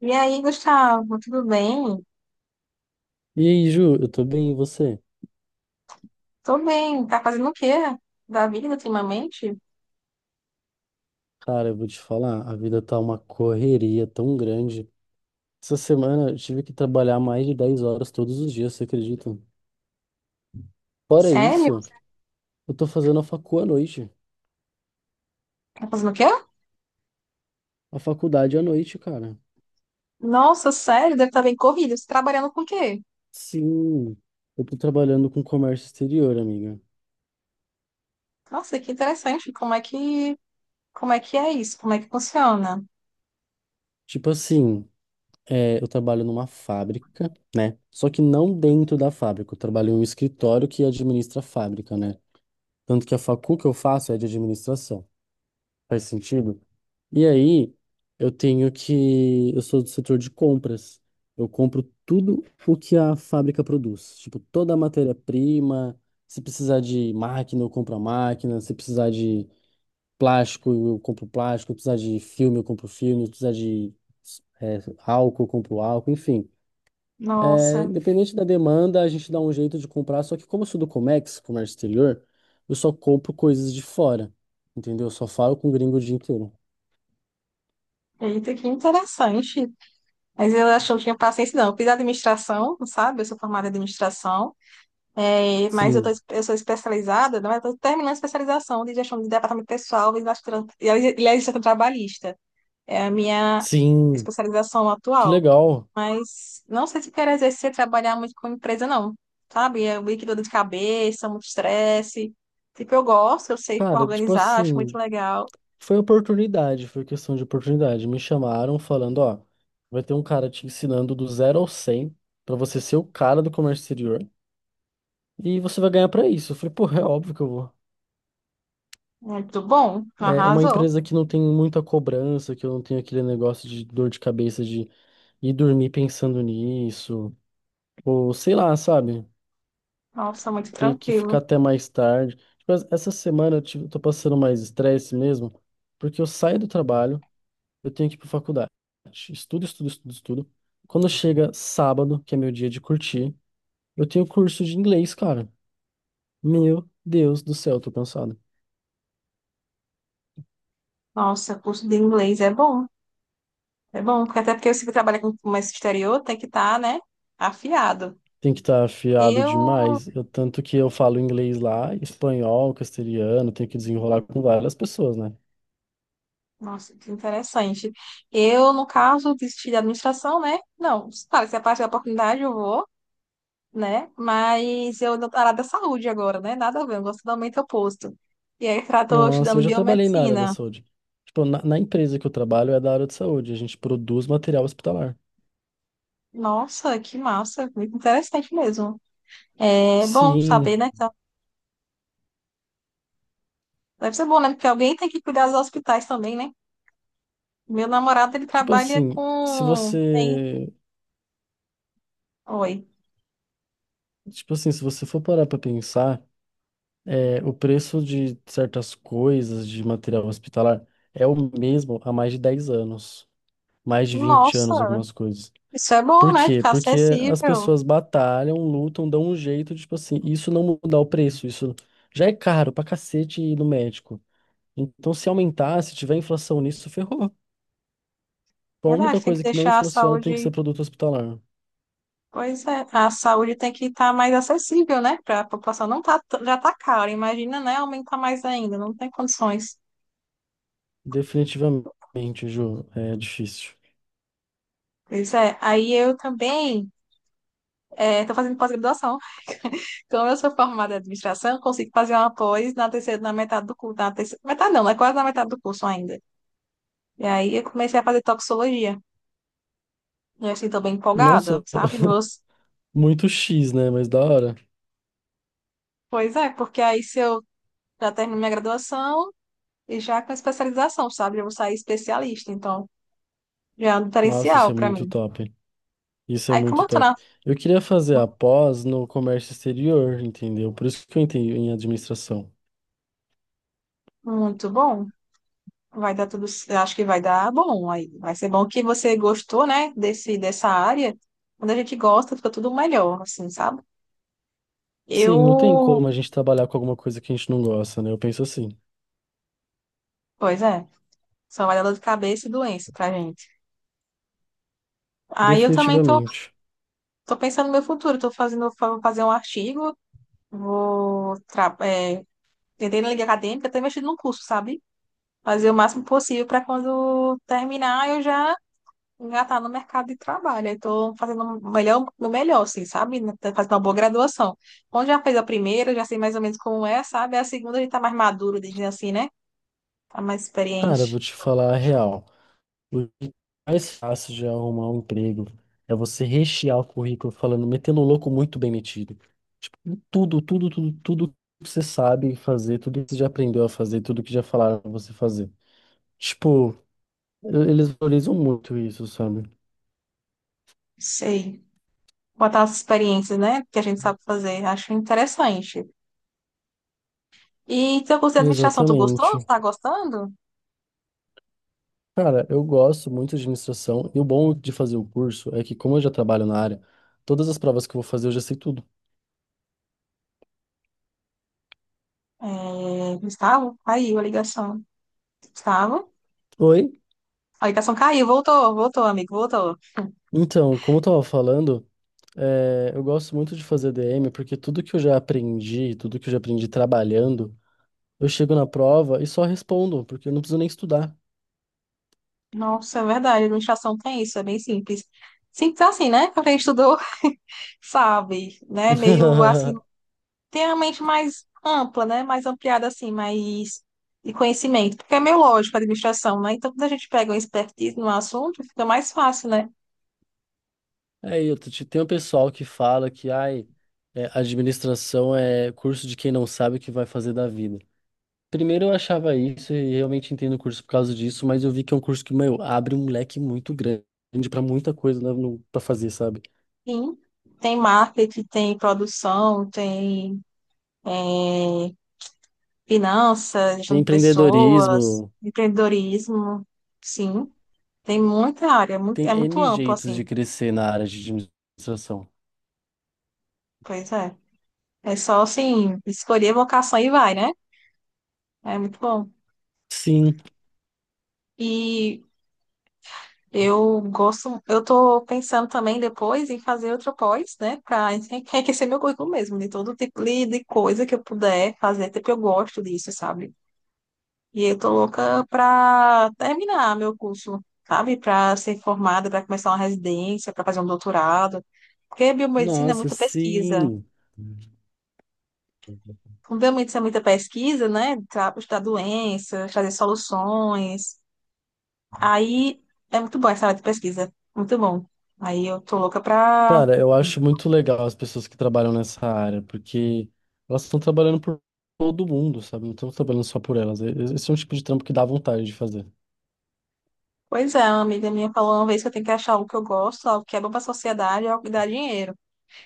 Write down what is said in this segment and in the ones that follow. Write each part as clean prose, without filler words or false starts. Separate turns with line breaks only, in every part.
E aí, Gustavo, tudo bem?
E aí, Ju, eu tô bem, e você?
Tô bem. Tá fazendo o quê da vida ultimamente?
Cara, eu vou te falar, a vida tá uma correria tão grande. Essa semana eu tive que trabalhar mais de 10 horas todos os dias, você acredita? Fora
Sério?
isso, eu tô fazendo a facu à noite,
Tá fazendo o quê?
a faculdade à noite, cara.
Nossa, sério, deve estar bem corrido. Você tá trabalhando com o quê?
Sim, eu tô trabalhando com comércio exterior, amiga.
Nossa, que interessante. Como é que é isso? Como é que funciona?
Tipo assim, é, eu trabalho numa fábrica, né? Só que não dentro da fábrica, eu trabalho em um escritório que administra a fábrica, né? Tanto que a facu que eu faço é de administração. Faz sentido? E aí, eu tenho que. Eu sou do setor de compras. Eu compro tudo o que a fábrica produz. Tipo, toda a matéria-prima. Se precisar de máquina, eu compro a máquina. Se precisar de plástico, eu compro plástico. Se precisar de filme, eu compro filme. Se precisar de é, álcool, eu compro álcool. Enfim. É,
Nossa,
independente da demanda, a gente dá um jeito de comprar. Só que, como eu sou do Comex, comércio exterior, eu só compro coisas de fora. Entendeu? Eu só falo com gringo o dia inteiro.
eita, que interessante. Mas eu acho que eu não tinha paciência, não. Eu fiz administração, sabe? Eu sou formada em administração. É, mas eu, tô,
Sim,
eu sou especializada, não, é? Eu estou terminando a especialização de gestão de departamento pessoal e administração trabalhista. É a minha
sim,
especialização
que
atual.
legal.
Mas não sei se quero exercer trabalhar muito com empresa, não. Sabe? É muito dor de cabeça, muito estresse. Tipo, eu gosto, eu sei
Cara, tipo
organizar, acho muito
assim,
legal.
foi oportunidade, foi questão de oportunidade. Me chamaram falando, ó, vai ter um cara te ensinando do 0 ao 100 pra você ser o cara do comércio exterior e você vai ganhar pra isso. Eu falei, pô, é óbvio que eu vou.
Muito bom,
É uma
arrasou.
empresa que não tem muita cobrança, que eu não tenho aquele negócio de dor de cabeça de ir dormir pensando nisso, ou sei lá, sabe?
Nossa, muito
Ter que ficar
tranquilo.
até mais tarde. Tipo, essa semana eu tô passando mais estresse mesmo, porque eu saio do trabalho eu tenho que ir pra faculdade. Estudo, estudo, estudo, estudo. Quando chega sábado, que é meu dia de curtir, eu tenho curso de inglês, cara. Meu Deus do céu, eu tô cansado.
Nossa, curso de inglês é bom. É bom, porque até porque você que trabalha com comércio exterior tem que estar, né, afiado.
Tem que estar afiado
Eu,
demais. Tanto que eu falo inglês lá, espanhol, castelhano, tenho que desenrolar com várias pessoas, né?
nossa, que interessante. Eu, no caso, desisti da administração, né? Não, claro, se aparecer a oportunidade, eu vou. Né? Mas eu não área da saúde agora, né? Nada a ver, eu gosto totalmente oposto. E aí, tô
Nossa, eu
estudando
já trabalhei na área da
biomedicina.
saúde. Tipo, na empresa que eu trabalho é da área de saúde, a gente produz material hospitalar.
Nossa, que massa, muito interessante mesmo. É bom
Sim,
saber, né? Então, deve ser bom, né? Porque alguém tem que cuidar dos hospitais também, né? Meu namorado, ele
tipo
trabalha
assim, se
com. Tem.
você,
Oi.
tipo assim, se você for parar pra pensar, é, o preço de certas coisas de material hospitalar é o mesmo há mais de 10 anos, mais de 20
Nossa,
anos, algumas coisas.
isso é bom,
Por
né?
quê?
Ficar
Porque as
acessível.
pessoas batalham, lutam, dão um jeito, de, tipo assim, isso não mudar o preço, isso já é caro pra cacete ir no médico. Então, se aumentar, se tiver inflação nisso, ferrou. Então, a única
Verdade, tem que
coisa que não
deixar a
inflaciona tem que
saúde.
ser produto hospitalar.
Pois é, a saúde tem que estar mais acessível, né? Para a população não tá, já tá cara, imagina, né? Aumentar mais ainda, não tem condições.
Definitivamente, Ju, é difícil.
Pois é, aí eu também estou fazendo pós-graduação. Então eu sou formada em administração, consigo fazer uma pós na terceira, na metade do curso, na terceira, metade não, é quase na metade do curso ainda. E aí eu comecei a fazer toxicologia. E assim, estou bem empolgada,
Nossa,
sabe? Meus...
muito X, né? Mas da hora.
Pois é, porque aí se eu já termino minha graduação e já com especialização, sabe? Eu vou sair especialista, então já é um
Nossa, isso
diferencial
é
para
muito
mim.
top. Isso é
Aí, como
muito
eu tô na...
top. Eu queria fazer a pós no comércio exterior, entendeu? Por isso que eu entrei em administração.
Muito bom, vai dar tudo. C- acho que vai dar bom. Aí vai ser bom que você gostou, né, dessa área. Quando a gente gosta, fica tudo melhor, assim, sabe?
Sim, não tem
Eu.
como a gente trabalhar com alguma coisa que a gente não gosta, né? Eu penso assim,
Pois é. Só vai dar dor de cabeça e doença pra gente. Aí eu também tô,
definitivamente.
Tô pensando no meu futuro. Vou fazer um artigo, vou. Tra... É... tentei na liga acadêmica, até mexer num curso, sabe? Fazer o máximo possível para quando terminar eu já engatar no mercado de trabalho. Estou fazendo o melhor, assim, sabe? Tô fazendo uma boa graduação. Onde já fez a primeira, já sei mais ou menos como é, sabe? A segunda a gente tá mais maduro, dizendo assim, né? Tá mais
Cara, eu vou
experiente.
te falar a real. O que é mais fácil de arrumar um emprego é você rechear o currículo falando, metendo o louco muito bem metido. Tipo, tudo, tudo, tudo, tudo que você sabe fazer, tudo que você já aprendeu a fazer, tudo que já falaram pra você fazer. Tipo, eles valorizam muito isso, sabe?
Sei. Botar as experiências, né? Que a gente sabe fazer. Acho interessante. E teu curso de administração, tu gostou? Tu
Exatamente.
tá gostando?
Cara, eu gosto muito de administração e o bom de fazer o curso é que, como eu já trabalho na área, todas as provas que eu vou fazer eu já sei tudo.
É, Gustavo? Caiu a ligação. Gustavo?
Oi?
A ligação caiu, voltou, voltou, amigo, voltou.
Então, como eu tava falando, é, eu gosto muito de fazer DM porque tudo que eu já aprendi, tudo que eu já aprendi trabalhando, eu chego na prova e só respondo, porque eu não preciso nem estudar.
Nossa, é verdade, administração tem isso, é bem simples. Simples assim, né? Pra quem estudou sabe? Né? Meio assim, tem a mente mais ampla, né? Mais ampliada, assim, mais de conhecimento. Porque é meio lógico a administração, né? Então, quando a gente pega uma expertise num assunto, fica mais fácil, né?
É, tem um pessoal que fala que, ai, é, administração é curso de quem não sabe o que vai fazer da vida. Primeiro eu achava isso e realmente entrei no curso por causa disso, mas eu vi que é um curso que, meu, abre um leque muito grande para muita coisa né, pra fazer, sabe?
Sim, tem marketing, tem produção, tem eh, finanças,
Tem
gestão de pessoas,
empreendedorismo,
empreendedorismo, sim. Tem muita área,
tem
é muito
N
amplo,
jeitos
assim.
de crescer na área de administração.
Pois é. É só, assim, escolher a vocação e vai, né? É muito bom.
Sim,
E eu gosto, eu tô pensando também depois em fazer outro pós, né, para enriquecer meu currículo mesmo, de todo tipo de coisa que eu puder fazer, até porque eu gosto disso, sabe? E eu tô louca para terminar meu curso, sabe? Para ser formada, para começar uma residência, para fazer um doutorado, porque biomedicina é
nossa,
muita pesquisa.
sim.
Com biomedicina é muita pesquisa, né? Para estudar doenças, trazer soluções. Aí é muito bom essa área de pesquisa, muito bom. Aí eu tô louca para.
Cara, eu acho muito legal as pessoas que trabalham nessa área, porque elas estão trabalhando por todo mundo, sabe? Não estão trabalhando só por elas. Esse é um tipo de trampo que dá vontade de fazer.
Pois é, uma amiga minha falou uma vez que eu tenho que achar algo que eu gosto, algo que é bom pra sociedade, algo que dá dinheiro,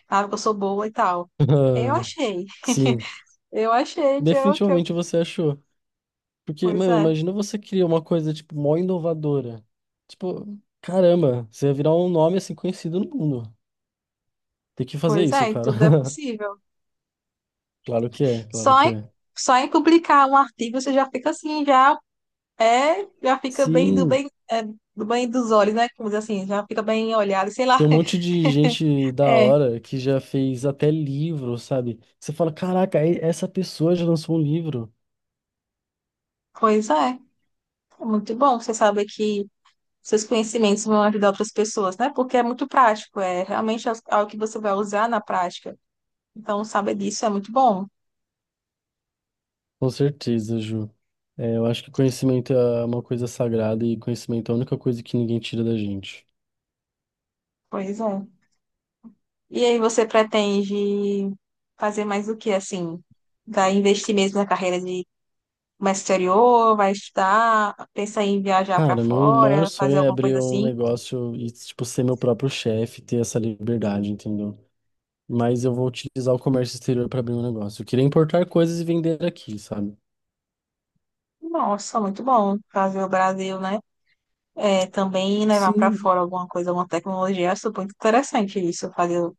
algo que eu sou boa e tal. Eu achei,
Sim,
eu achei que eu...
definitivamente você achou. Porque,
Pois
mano,
é,
imagina você criar uma coisa, tipo, mó inovadora. Tipo, caramba, você ia virar um nome assim conhecido no mundo. Tem que fazer
pois
isso,
é, e
cara.
tudo é possível.
Claro que é, claro
Só
que
em,
é.
só em publicar um artigo você já fica assim, já fica bem do
Sim,
bem, é, do bem dos olhos, né? Como diz assim, já fica bem olhado, sei lá.
tem um monte de gente da
É,
hora que já fez até livro, sabe? Você fala, caraca, essa pessoa já lançou um livro.
pois é, é muito bom você saber que seus conhecimentos vão ajudar outras pessoas, né? Porque é muito prático, é realmente é algo que você vai usar na prática. Então, saber disso é muito bom.
Com certeza, Ju. É, eu acho que conhecimento é uma coisa sagrada e conhecimento é a única coisa que ninguém tira da gente.
Pois é. E aí, você pretende fazer mais o que, assim? Vai investir mesmo na carreira de comércio exterior? Vai estudar? Pensa em viajar para
Cara, meu maior
fora?
sonho
Fazer
é
alguma coisa
abrir um
assim?
negócio e, tipo, ser meu próprio chefe, ter essa liberdade, entendeu? Mas eu vou utilizar o comércio exterior para abrir um negócio. Eu queria importar coisas e vender aqui, sabe?
Nossa, muito bom. Fazer o Brasil, né? É, também levar para
Sim,
fora alguma coisa, alguma tecnologia. Eu acho muito interessante isso, fazer o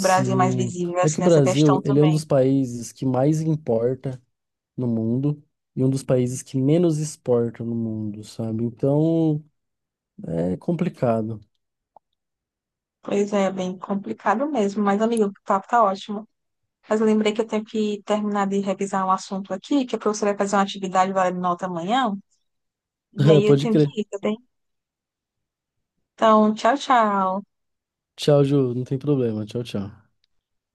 Brasil mais visível,
É que
assim,
o
nessa questão
Brasil, ele é um
também.
dos países que mais importa no mundo e um dos países que menos exporta no mundo, sabe? Então, é complicado.
Pois é, é bem complicado mesmo. Mas, amigo, o papo tá ótimo. Mas eu lembrei que eu tenho que terminar de revisar um assunto aqui, que a professora vai fazer uma atividade valendo nota amanhã. E aí eu
Pode
tenho que
crer.
ir, tá bem? Então, tchau, tchau.
Tchau, Ju. Não tem problema. Tchau, tchau.